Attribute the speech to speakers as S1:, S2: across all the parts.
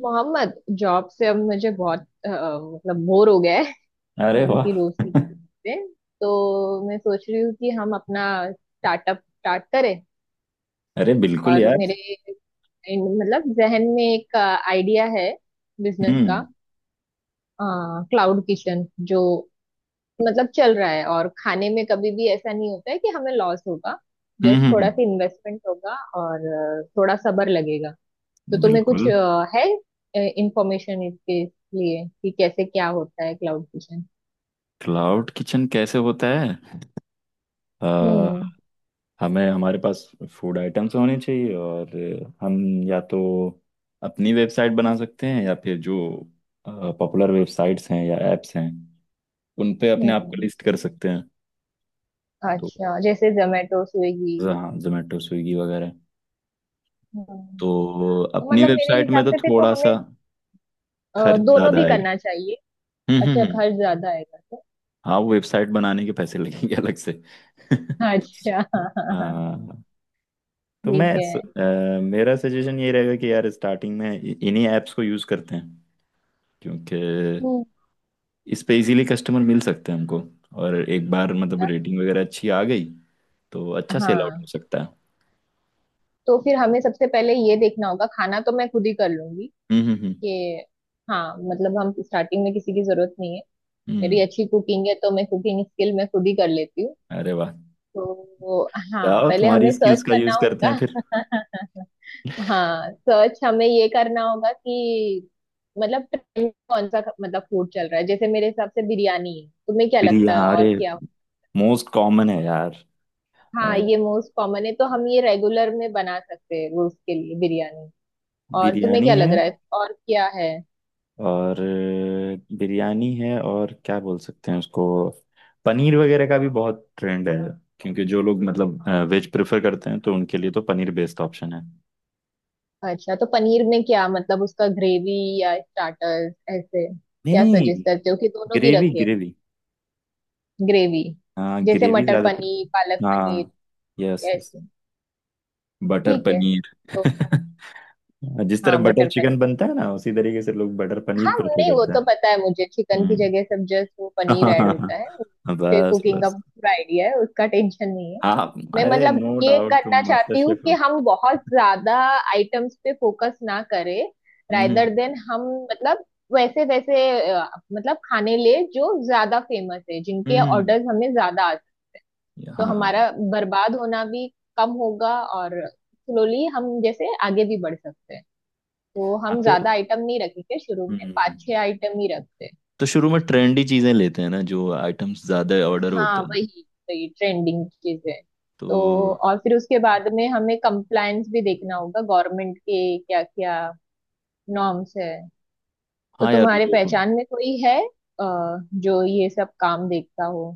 S1: Mohammad job से अब मुझे बहुत मतलब बोर हो गया है।
S2: अरे वाह।
S1: उनकी दोस्ती की से, तो मैं सोच रही हूँ कि हम अपना स्टार्टअप स्टार्ट करें।
S2: अरे बिल्कुल
S1: और
S2: यार।
S1: मेरे मतलब जहन में एक आइडिया है बिजनेस का,
S2: हम्म,
S1: क्लाउड किचन, जो मतलब चल रहा है और खाने में कभी भी ऐसा नहीं होता है कि हमें लॉस होगा।
S2: हम्म,
S1: जस्ट थोड़ा
S2: हम्म।
S1: सा इन्वेस्टमेंट होगा और थोड़ा सब्र लगेगा। तो तुम्हें कुछ
S2: बिल्कुल।
S1: है इंफॉर्मेशन इसके लिए कि कैसे क्या होता है क्लाउड किचन।
S2: क्लाउड किचन कैसे होता है? अ,
S1: हम्म
S2: हमें हमारे पास फूड आइटम्स होने चाहिए, और हम या तो अपनी वेबसाइट बना सकते हैं, या फिर जो पॉपुलर वेबसाइट्स हैं या एप्स हैं उन पे अपने आप को
S1: हम्म।
S2: लिस्ट कर सकते हैं। तो
S1: अच्छा जैसे जोमेटो स्विगी।
S2: हाँ, जोमेटो स्विगी वगैरह।
S1: हम्म।
S2: तो
S1: तो
S2: अपनी
S1: मतलब मेरे
S2: वेबसाइट में
S1: हिसाब
S2: तो
S1: से फिर तो
S2: थोड़ा सा
S1: हमें अ,
S2: खर्च
S1: दोनों
S2: ज्यादा
S1: भी
S2: आएगा।
S1: करना चाहिए।
S2: हम्म, हम्म,
S1: अच्छा
S2: हम्म।
S1: खर्च ज्यादा आएगा तो?
S2: हाँ, वो वेबसाइट बनाने के पैसे लगेंगे अलग से।
S1: अच्छा।
S2: हाँ। तो
S1: ठीक है।
S2: मेरा सजेशन ये रहेगा कि यार स्टार्टिंग में इन्हीं ऐप्स को यूज़ करते हैं, क्योंकि
S1: हम्म।
S2: इस पे इजीली कस्टमर मिल सकते हैं हमको। और एक बार मतलब रेटिंग वगैरह अच्छी आ गई तो अच्छा सेल आउट हो
S1: हाँ
S2: सकता है।
S1: तो फिर हमें सबसे पहले ये देखना होगा, खाना तो मैं खुद ही कर लूंगी
S2: हम्म, हम्म,
S1: कि, हाँ मतलब हम स्टार्टिंग में किसी की जरूरत नहीं है।
S2: हम्म,
S1: मेरी अच्छी कुकिंग है तो मैं कुकिंग स्किल मैं खुद ही कर लेती हूँ।
S2: अरे वाह।
S1: तो हाँ
S2: जाओ,
S1: पहले
S2: तुम्हारी
S1: हमें
S2: स्किल्स
S1: सर्च
S2: का
S1: करना
S2: यूज़ करते हैं
S1: होगा।
S2: फिर।
S1: हाँ सर्च हमें ये करना होगा कि मतलब ट्रेंड कौन सा मतलब फूड चल रहा है। जैसे मेरे हिसाब से बिरयानी है, तुम्हें क्या
S2: बिरयानी?
S1: लगता है
S2: अरे,
S1: और क्या?
S2: मोस्ट कॉमन है यार। अ,
S1: हाँ ये मोस्ट कॉमन है, तो हम ये रेगुलर में बना सकते हैं रोज के लिए बिरयानी। और तुम्हें क्या
S2: बिरयानी
S1: लग
S2: है
S1: रहा है और क्या है?
S2: और बिरयानी है, और क्या बोल सकते हैं उसको। पनीर वगैरह का भी बहुत ट्रेंड है, क्योंकि जो लोग मतलब वेज प्रेफर करते हैं तो उनके लिए तो पनीर बेस्ट ऑप्शन है।
S1: अच्छा तो पनीर में क्या मतलब उसका ग्रेवी या स्टार्टर्स, ऐसे
S2: नहीं,
S1: क्या
S2: नहीं।
S1: सजेस्ट करते हो कि दोनों भी
S2: ग्रेवी,
S1: रखे?
S2: ग्रेवी।
S1: ग्रेवी।
S2: हाँ,
S1: जैसे
S2: ग्रेवी
S1: मटर
S2: ज्यादा
S1: पनीर पालक पनीर।
S2: हाँ। Yes,
S1: yes.
S2: यस। बटर
S1: ठीक है
S2: पनीर।
S1: तो फिर-
S2: जिस तरह
S1: हाँ
S2: बटर
S1: बटर पनीर।
S2: चिकन बनता है ना, उसी तरीके से लोग बटर
S1: हाँ
S2: पनीर प्रेफर
S1: नहीं वो
S2: करते हैं।
S1: तो पता है मुझे, चिकन की
S2: हम्म।
S1: जगह सब जस्ट वो पनीर ऐड
S2: हाँ,
S1: होता है, मुझे
S2: बस
S1: कुकिंग का
S2: बस।
S1: पूरा आइडिया है, उसका टेंशन नहीं है।
S2: हाँ।
S1: मैं
S2: अरे
S1: मतलब
S2: नो
S1: ये
S2: डाउट,
S1: करना
S2: तुम मास्टर
S1: चाहती हूँ
S2: शेफ
S1: कि
S2: हो।
S1: हम बहुत ज्यादा आइटम्स पे फोकस ना करें।
S2: हम्म,
S1: रादर देन हम मतलब वैसे वैसे अ, मतलब खाने ले जो ज्यादा फेमस है, जिनके
S2: हम्म।
S1: ऑर्डर्स हमें ज्यादा आते हैं। तो
S2: हाँ, हाँ।
S1: हमारा बर्बाद होना भी कम होगा, और स्लोली हम जैसे आगे भी बढ़ सकते हैं। तो
S2: हाँ
S1: हम
S2: तो
S1: ज्यादा आइटम नहीं रखेंगे, शुरू में
S2: हम्म
S1: पाँच छह आइटम ही रखते हैं।
S2: तो शुरू में ट्रेंडी चीजें लेते हैं ना, जो आइटम्स ज्यादा ऑर्डर
S1: हाँ
S2: होते हैं।
S1: वही, वही ट्रेंडिंग चीजें।
S2: तो
S1: तो और फिर उसके बाद में हमें कंप्लायंस भी देखना होगा, गवर्नमेंट के क्या क्या नॉर्म्स है। तो
S2: हाँ यार,
S1: तुम्हारे
S2: वो
S1: पहचान में कोई है अ, जो ये सब काम देखता हो?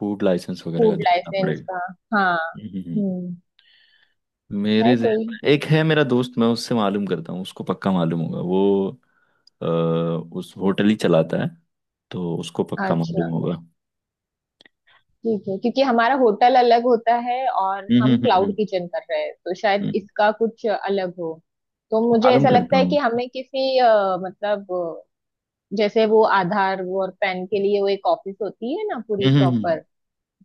S2: फूड लाइसेंस वगैरह का
S1: फूड
S2: देखना
S1: लाइसेंस
S2: पड़ेगा।
S1: का। हाँ।
S2: हम्म, हम्म।
S1: हम्म। है
S2: मेरे जहन
S1: कोई?
S2: में एक है, मेरा दोस्त। मैं उससे मालूम करता हूँ, उसको पक्का मालूम होगा। वो अ, उस होटल ही चलाता है, तो उसको पक्का मालूम
S1: अच्छा।
S2: होगा।
S1: ठीक है, क्योंकि हमारा होटल अलग होता है और
S2: हम्म, हम्म,
S1: हम
S2: हम्म,
S1: क्लाउड किचन कर रहे हैं, तो शायद
S2: हम्म।
S1: इसका कुछ अलग हो। तो मुझे
S2: मालूम
S1: ऐसा
S2: करता
S1: लगता है
S2: हूँ।
S1: कि हमें किसी मतलब जैसे वो आधार वो और पैन के लिए वो एक ऑफिस होती है ना पूरी
S2: हम्म,
S1: प्रॉपर,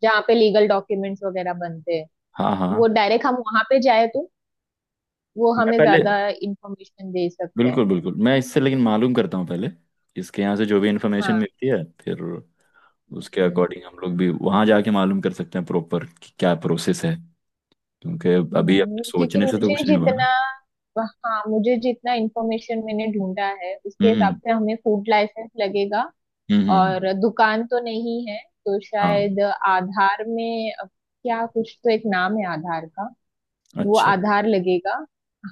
S1: जहाँ पे लीगल डॉक्यूमेंट्स वगैरह बनते हैं।
S2: हाँ, हाँ।
S1: वो डायरेक्ट हम वहां पे जाए तो वो
S2: मैं
S1: हमें
S2: पहले
S1: ज्यादा इंफॉर्मेशन दे सकते हैं।
S2: बिल्कुल, बिल्कुल। मैं इससे लेकिन मालूम करता हूँ पहले। इसके यहाँ से जो भी इंफॉर्मेशन मिलती है, फिर उसके
S1: हाँ।
S2: अकॉर्डिंग हम लोग भी वहाँ जाके मालूम कर सकते हैं प्रॉपर, कि क्या प्रोसेस है। क्योंकि अभी अपने
S1: क्योंकि
S2: सोचने से तो
S1: मुझे
S2: कुछ नहीं हुआ
S1: जितना
S2: ना।
S1: हाँ मुझे जितना इंफॉर्मेशन मैंने ढूंढा है उसके
S2: हम्म,
S1: हिसाब
S2: हम्म,
S1: से हमें फूड लाइसेंस लगेगा।
S2: हम्म,
S1: और दुकान तो नहीं है तो
S2: हाँ।
S1: शायद आधार में क्या कुछ तो एक नाम है आधार का, वो
S2: अच्छा,
S1: आधार लगेगा।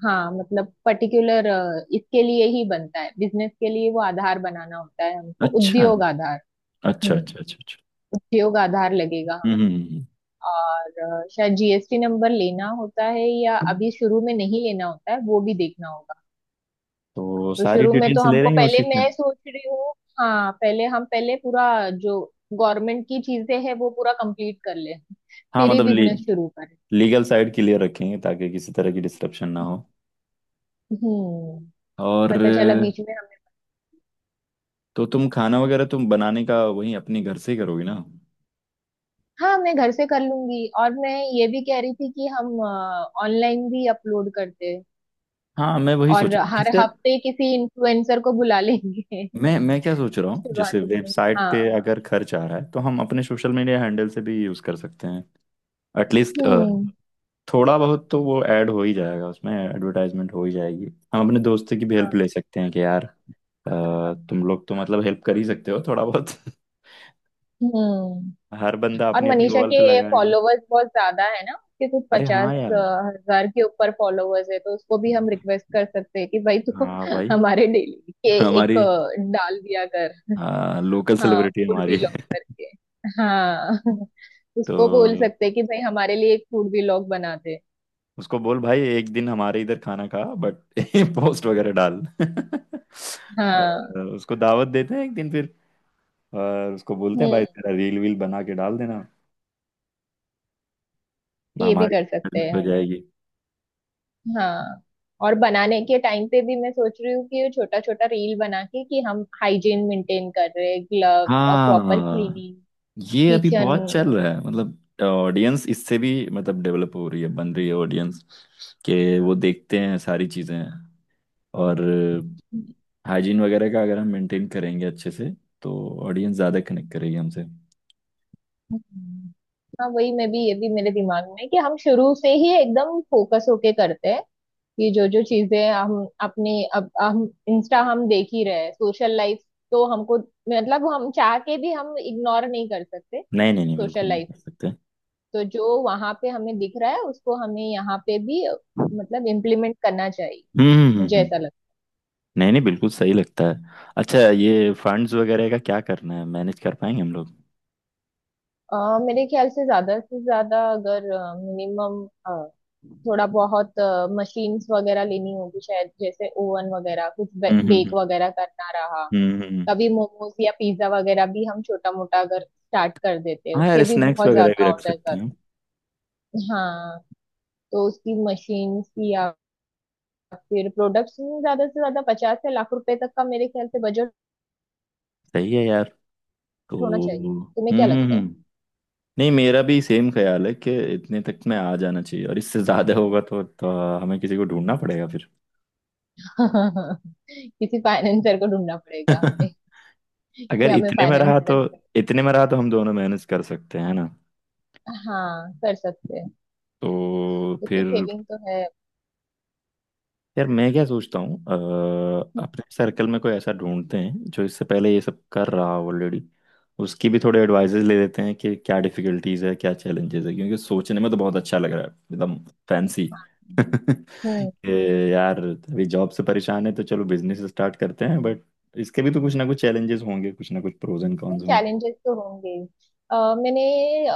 S1: हाँ मतलब पर्टिकुलर इसके लिए ही बनता है, बिजनेस के लिए वो आधार बनाना होता है हमको,
S2: अच्छा,
S1: उद्योग आधार।
S2: अच्छा,
S1: हम्म।
S2: अच्छा, अच्छा, अच्छा।
S1: उद्योग आधार लगेगा।
S2: हम्म,
S1: और शायद जीएसटी नंबर लेना होता है या
S2: हम्म।
S1: अभी शुरू में नहीं लेना होता है, वो भी देखना होगा।
S2: तो
S1: तो
S2: सारी
S1: शुरू में तो
S2: डिटेल्स ले
S1: हमको
S2: लेंगे
S1: पहले
S2: उसी से।
S1: मैं सोच रही हूँ, हाँ पहले हम पहले पूरा जो गवर्नमेंट की चीजें हैं वो पूरा कंप्लीट कर ले,
S2: हाँ,
S1: फिर ही
S2: मतलब
S1: बिजनेस शुरू करें।
S2: लीगल साइड क्लियर रखेंगे ताकि किसी तरह की डिस्टरप्शन ना हो।
S1: हम्म।
S2: और
S1: पता चला बीच में हमें।
S2: तो तुम खाना वगैरह तुम बनाने का वहीं अपने घर से ही करोगी ना।
S1: हाँ मैं घर से कर लूंगी। और मैं ये भी कह रही थी कि हम ऑनलाइन भी अपलोड करते हैं,
S2: हाँ, मैं वही
S1: और
S2: सोच रहा हूँ।
S1: हर
S2: जैसे
S1: हफ्ते किसी इन्फ्लुएंसर को बुला लेंगे।
S2: मैं क्या सोच रहा हूँ,
S1: शुरुआत
S2: जैसे
S1: में।
S2: वेबसाइट
S1: हाँ।
S2: पे अगर खर्च आ रहा है तो हम अपने सोशल मीडिया हैंडल से भी यूज कर सकते हैं। एटलीस्ट
S1: हम्म।
S2: थोड़ा बहुत तो वो ऐड हो ही जाएगा, उसमें एडवर्टाइजमेंट हो ही जाएगी। हम अपने दोस्तों की भी हेल्प
S1: हाँ।
S2: ले सकते हैं कि यार
S1: हाँ।
S2: तुम लोग तो मतलब हेल्प कर ही सकते हो थोड़ा बहुत।
S1: हम्म।
S2: हर बंदा
S1: और
S2: अपनी अपनी
S1: मनीषा
S2: वॉल पे
S1: के
S2: लगाएगा।
S1: फॉलोवर्स बहुत ज्यादा है ना, उसके कुछ
S2: अरे
S1: 50
S2: हाँ यार।
S1: हज़ार के ऊपर फॉलोवर्स है, तो उसको भी हम रिक्वेस्ट कर सकते हैं कि भाई तू
S2: हाँ भाई।
S1: हमारे डेली के एक
S2: हमारी
S1: डाल दिया कर।
S2: हाँ, लोकल
S1: हाँ
S2: सेलिब्रिटी
S1: फूड
S2: हमारी।
S1: व्लॉग करके। हाँ
S2: तो
S1: उसको बोल सकते हैं कि भाई हमारे लिए एक फूड व्लॉग बनाते।
S2: उसको बोल, भाई एक दिन हमारे इधर खाना खा, बट पोस्ट वगैरह डाल।
S1: हाँ।
S2: और उसको दावत देते हैं एक दिन फिर। और उसको बोलते हैं,
S1: हम्म।
S2: भाई तेरा रील वील बना के डाल देना।
S1: ये भी
S2: हमारी
S1: कर सकते
S2: मेहनत हो
S1: हैं।
S2: जाएगी।
S1: हाँ। और बनाने के टाइम पे भी मैं सोच रही हूँ कि छोटा छोटा रील बना के, कि हम हाइजीन मेंटेन कर रहे हैं, ग्लव्स और प्रॉपर
S2: हाँ।
S1: क्लीनिंग,
S2: ये अभी
S1: किचन।
S2: बहुत चल रहा है मतलब। ऑडियंस इससे भी मतलब डेवलप हो रही है, बन रही है ऑडियंस, कि वो देखते हैं सारी चीज़ें। और हाइजीन वगैरह का अगर हम मेंटेन करेंगे अच्छे से, तो ऑडियंस ज़्यादा कनेक्ट करेगी हमसे।
S1: हाँ वही, मैं भी ये भी मेरे दिमाग में है कि हम शुरू से ही एकदम फोकस होके करते हैं कि जो जो चीजें हम अपने अब हम इंस्टा हम देख ही रहे हैं सोशल लाइफ, तो हमको मतलब हम चाह के भी हम इग्नोर नहीं कर सकते
S2: नहीं, नहीं, नहीं,
S1: सोशल
S2: बिल्कुल नहीं
S1: लाइफ।
S2: कर सकते।
S1: तो जो वहां पे हमें दिख रहा है उसको हमें यहाँ पे भी मतलब इम्प्लीमेंट करना चाहिए।
S2: हम्म,
S1: मुझे ऐसा लगता
S2: नहीं, नहीं, बिल्कुल सही लगता है। अच्छा, ये फंड्स वगैरह का क्या करना है? मैनेज कर पाएंगे हम लोग?
S1: है। मेरे ख्याल से ज्यादा अगर मिनिमम थोड़ा बहुत मशीन्स वगैरह लेनी होगी शायद, जैसे ओवन वगैरह कुछ
S2: हम्म, हम्म,
S1: बेक वगैरह करना रहा।
S2: हम्म,
S1: कभी मोमोज या पिज्जा वगैरह भी हम छोटा मोटा अगर स्टार्ट कर देते हैं,
S2: हाँ यार,
S1: उसके भी
S2: स्नैक्स
S1: बहुत
S2: वगैरह भी
S1: ज्यादा
S2: रख
S1: ऑर्डर
S2: सकते हैं।
S1: आते हैं। हाँ। तो उसकी मशीन्स या फिर प्रोडक्ट्स में ज्यादा से ज्यादा 50 से ₹1,00,000 तक का मेरे ख्याल से बजट
S2: सही है यार।
S1: होना
S2: तो
S1: चाहिए। तुम्हें
S2: हम्म,
S1: क्या
S2: हम्म,
S1: लगता है?
S2: नहीं, मेरा भी सेम ख्याल है कि इतने तक में आ जाना चाहिए, और इससे ज्यादा होगा तो हमें किसी को ढूंढना पड़ेगा फिर।
S1: किसी फाइनेंसर को ढूंढना पड़ेगा हमें, कि
S2: अगर
S1: हमें
S2: इतने में
S1: फाइनेंस
S2: रहा तो,
S1: कर।
S2: इतने में रहा तो हम दोनों मैनेज कर सकते हैं ना।
S1: हाँ कर सकते हैं,
S2: तो
S1: क्योंकि
S2: फिर।
S1: सेविंग तो है।
S2: यार मैं क्या सोचता हूँ, अपने सर्कल में कोई ऐसा ढूंढते हैं जो इससे पहले ये सब कर रहा हो ऑलरेडी। उसकी भी थोड़े एडवाइजेज ले लेते हैं, कि क्या डिफिकल्टीज है क्या चैलेंजेस है, क्योंकि सोचने में तो बहुत अच्छा लग रहा है एकदम फैंसी।
S1: हम्म।
S2: कि यार अभी जॉब से परेशान है तो चलो बिजनेस स्टार्ट करते हैं, बट इसके भी तो कुछ ना कुछ चैलेंजेस होंगे, कुछ ना कुछ प्रोज एंड कॉन्स होंगे।
S1: चैलेंजेस तो होंगे। मैंने अ,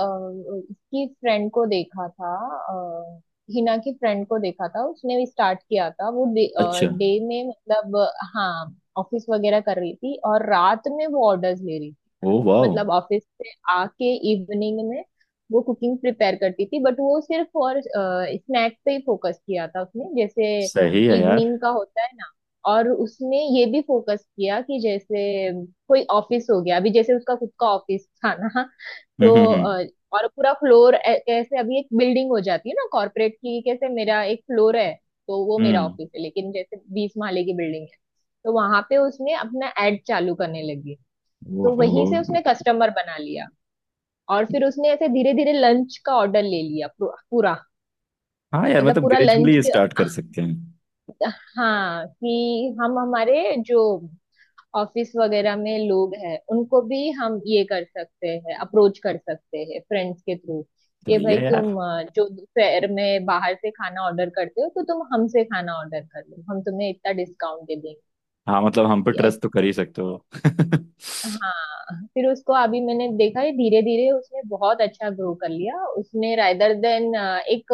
S1: इसकी फ्रेंड को देखा था, अ, हिना की फ्रेंड को देखा था, उसने भी स्टार्ट किया था। वो
S2: अच्छा।
S1: डे में मतलब हाँ ऑफिस वगैरह कर रही थी, और रात में वो ऑर्डर्स ले रही,
S2: ओ वाह।
S1: मतलब ऑफिस से आके इवनिंग में वो कुकिंग प्रिपेयर करती थी। बट वो सिर्फ और स्नैक्स पे ही फोकस किया था उसने, जैसे
S2: सही है यार।
S1: इवनिंग का होता है ना। और उसने ये भी फोकस किया कि जैसे कोई ऑफिस हो गया, अभी जैसे उसका खुद का ऑफिस था ना, तो
S2: हम्म, हम्म, हम्म,
S1: और पूरा फ्लोर, ऐसे अभी एक बिल्डिंग हो जाती है ना कॉर्पोरेट की, कैसे मेरा एक फ्लोर है तो वो मेरा
S2: हम्म।
S1: ऑफिस है, लेकिन जैसे 20 माले की बिल्डिंग है, तो वहां पे उसने अपना एड चालू करने लगी। तो
S2: ओहो।
S1: वहीं से उसने कस्टमर बना लिया। और फिर उसने ऐसे धीरे धीरे लंच का ऑर्डर ले लिया पूरा पूरा,
S2: हाँ यार,
S1: मतलब
S2: मतलब
S1: पूरा लंच।
S2: ग्रेजुअली स्टार्ट कर सकते हैं।
S1: हाँ कि हम हमारे जो ऑफिस वगैरह में लोग हैं उनको भी हम ये कर सकते हैं, अप्रोच कर सकते हैं फ्रेंड्स के थ्रू, कि
S2: सही
S1: भाई
S2: है यार।
S1: तुम जो दोपहर में बाहर से खाना ऑर्डर करते हो तो तुम हमसे खाना ऑर्डर कर लो, हम तुम्हें इतना डिस्काउंट दे
S2: हाँ, मतलब हम पे
S1: देंगे।
S2: ट्रस्ट तो कर ही सकते हो।
S1: हाँ फिर उसको अभी मैंने देखा है धीरे धीरे उसने बहुत अच्छा ग्रो कर लिया। उसने रादर देन एक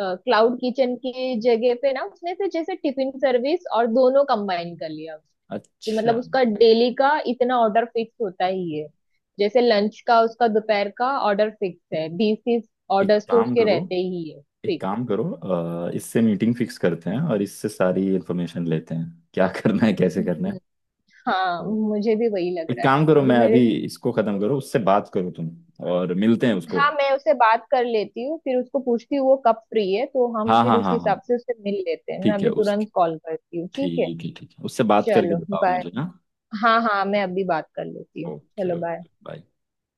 S1: क्लाउड किचन की जगह पे ना, उसने फिर जैसे टिफिन सर्विस और दोनों कंबाइन कर लिया। तो
S2: अच्छा,
S1: मतलब उसका डेली का इतना ऑर्डर फिक्स होता ही है, जैसे लंच का उसका दोपहर का ऑर्डर फिक्स है, 20-30
S2: एक
S1: ऑर्डर्स तो
S2: काम
S1: उसके
S2: करो।
S1: रहते ही है
S2: एक
S1: फिक्स।
S2: काम करो, इससे मीटिंग फिक्स करते हैं और इससे सारी इन्फॉर्मेशन लेते हैं क्या करना है कैसे करना
S1: हम्म।
S2: है।
S1: हाँ
S2: तो
S1: मुझे भी वही लग
S2: एक
S1: रहा है
S2: काम करो,
S1: अभी
S2: मैं
S1: मेरे।
S2: अभी इसको खत्म करो, उससे बात करो तुम, और मिलते हैं उसको।
S1: हाँ मैं उससे बात कर लेती हूँ, फिर उसको पूछती हूँ वो कब फ्री है, तो हम
S2: हाँ,
S1: फिर
S2: हाँ,
S1: उस
S2: हाँ,
S1: हिसाब
S2: हाँ।
S1: से उससे मिल लेते हैं। मैं
S2: ठीक है
S1: अभी
S2: उस
S1: तुरंत कॉल करती हूँ, ठीक है?
S2: ठीक है, ठीक है, उससे बात करके
S1: चलो
S2: बताओ
S1: बाय।
S2: मुझे ना।
S1: हाँ हाँ मैं अभी बात कर लेती हूँ।
S2: ओके,
S1: चलो
S2: ओके,
S1: बाय।
S2: बाय।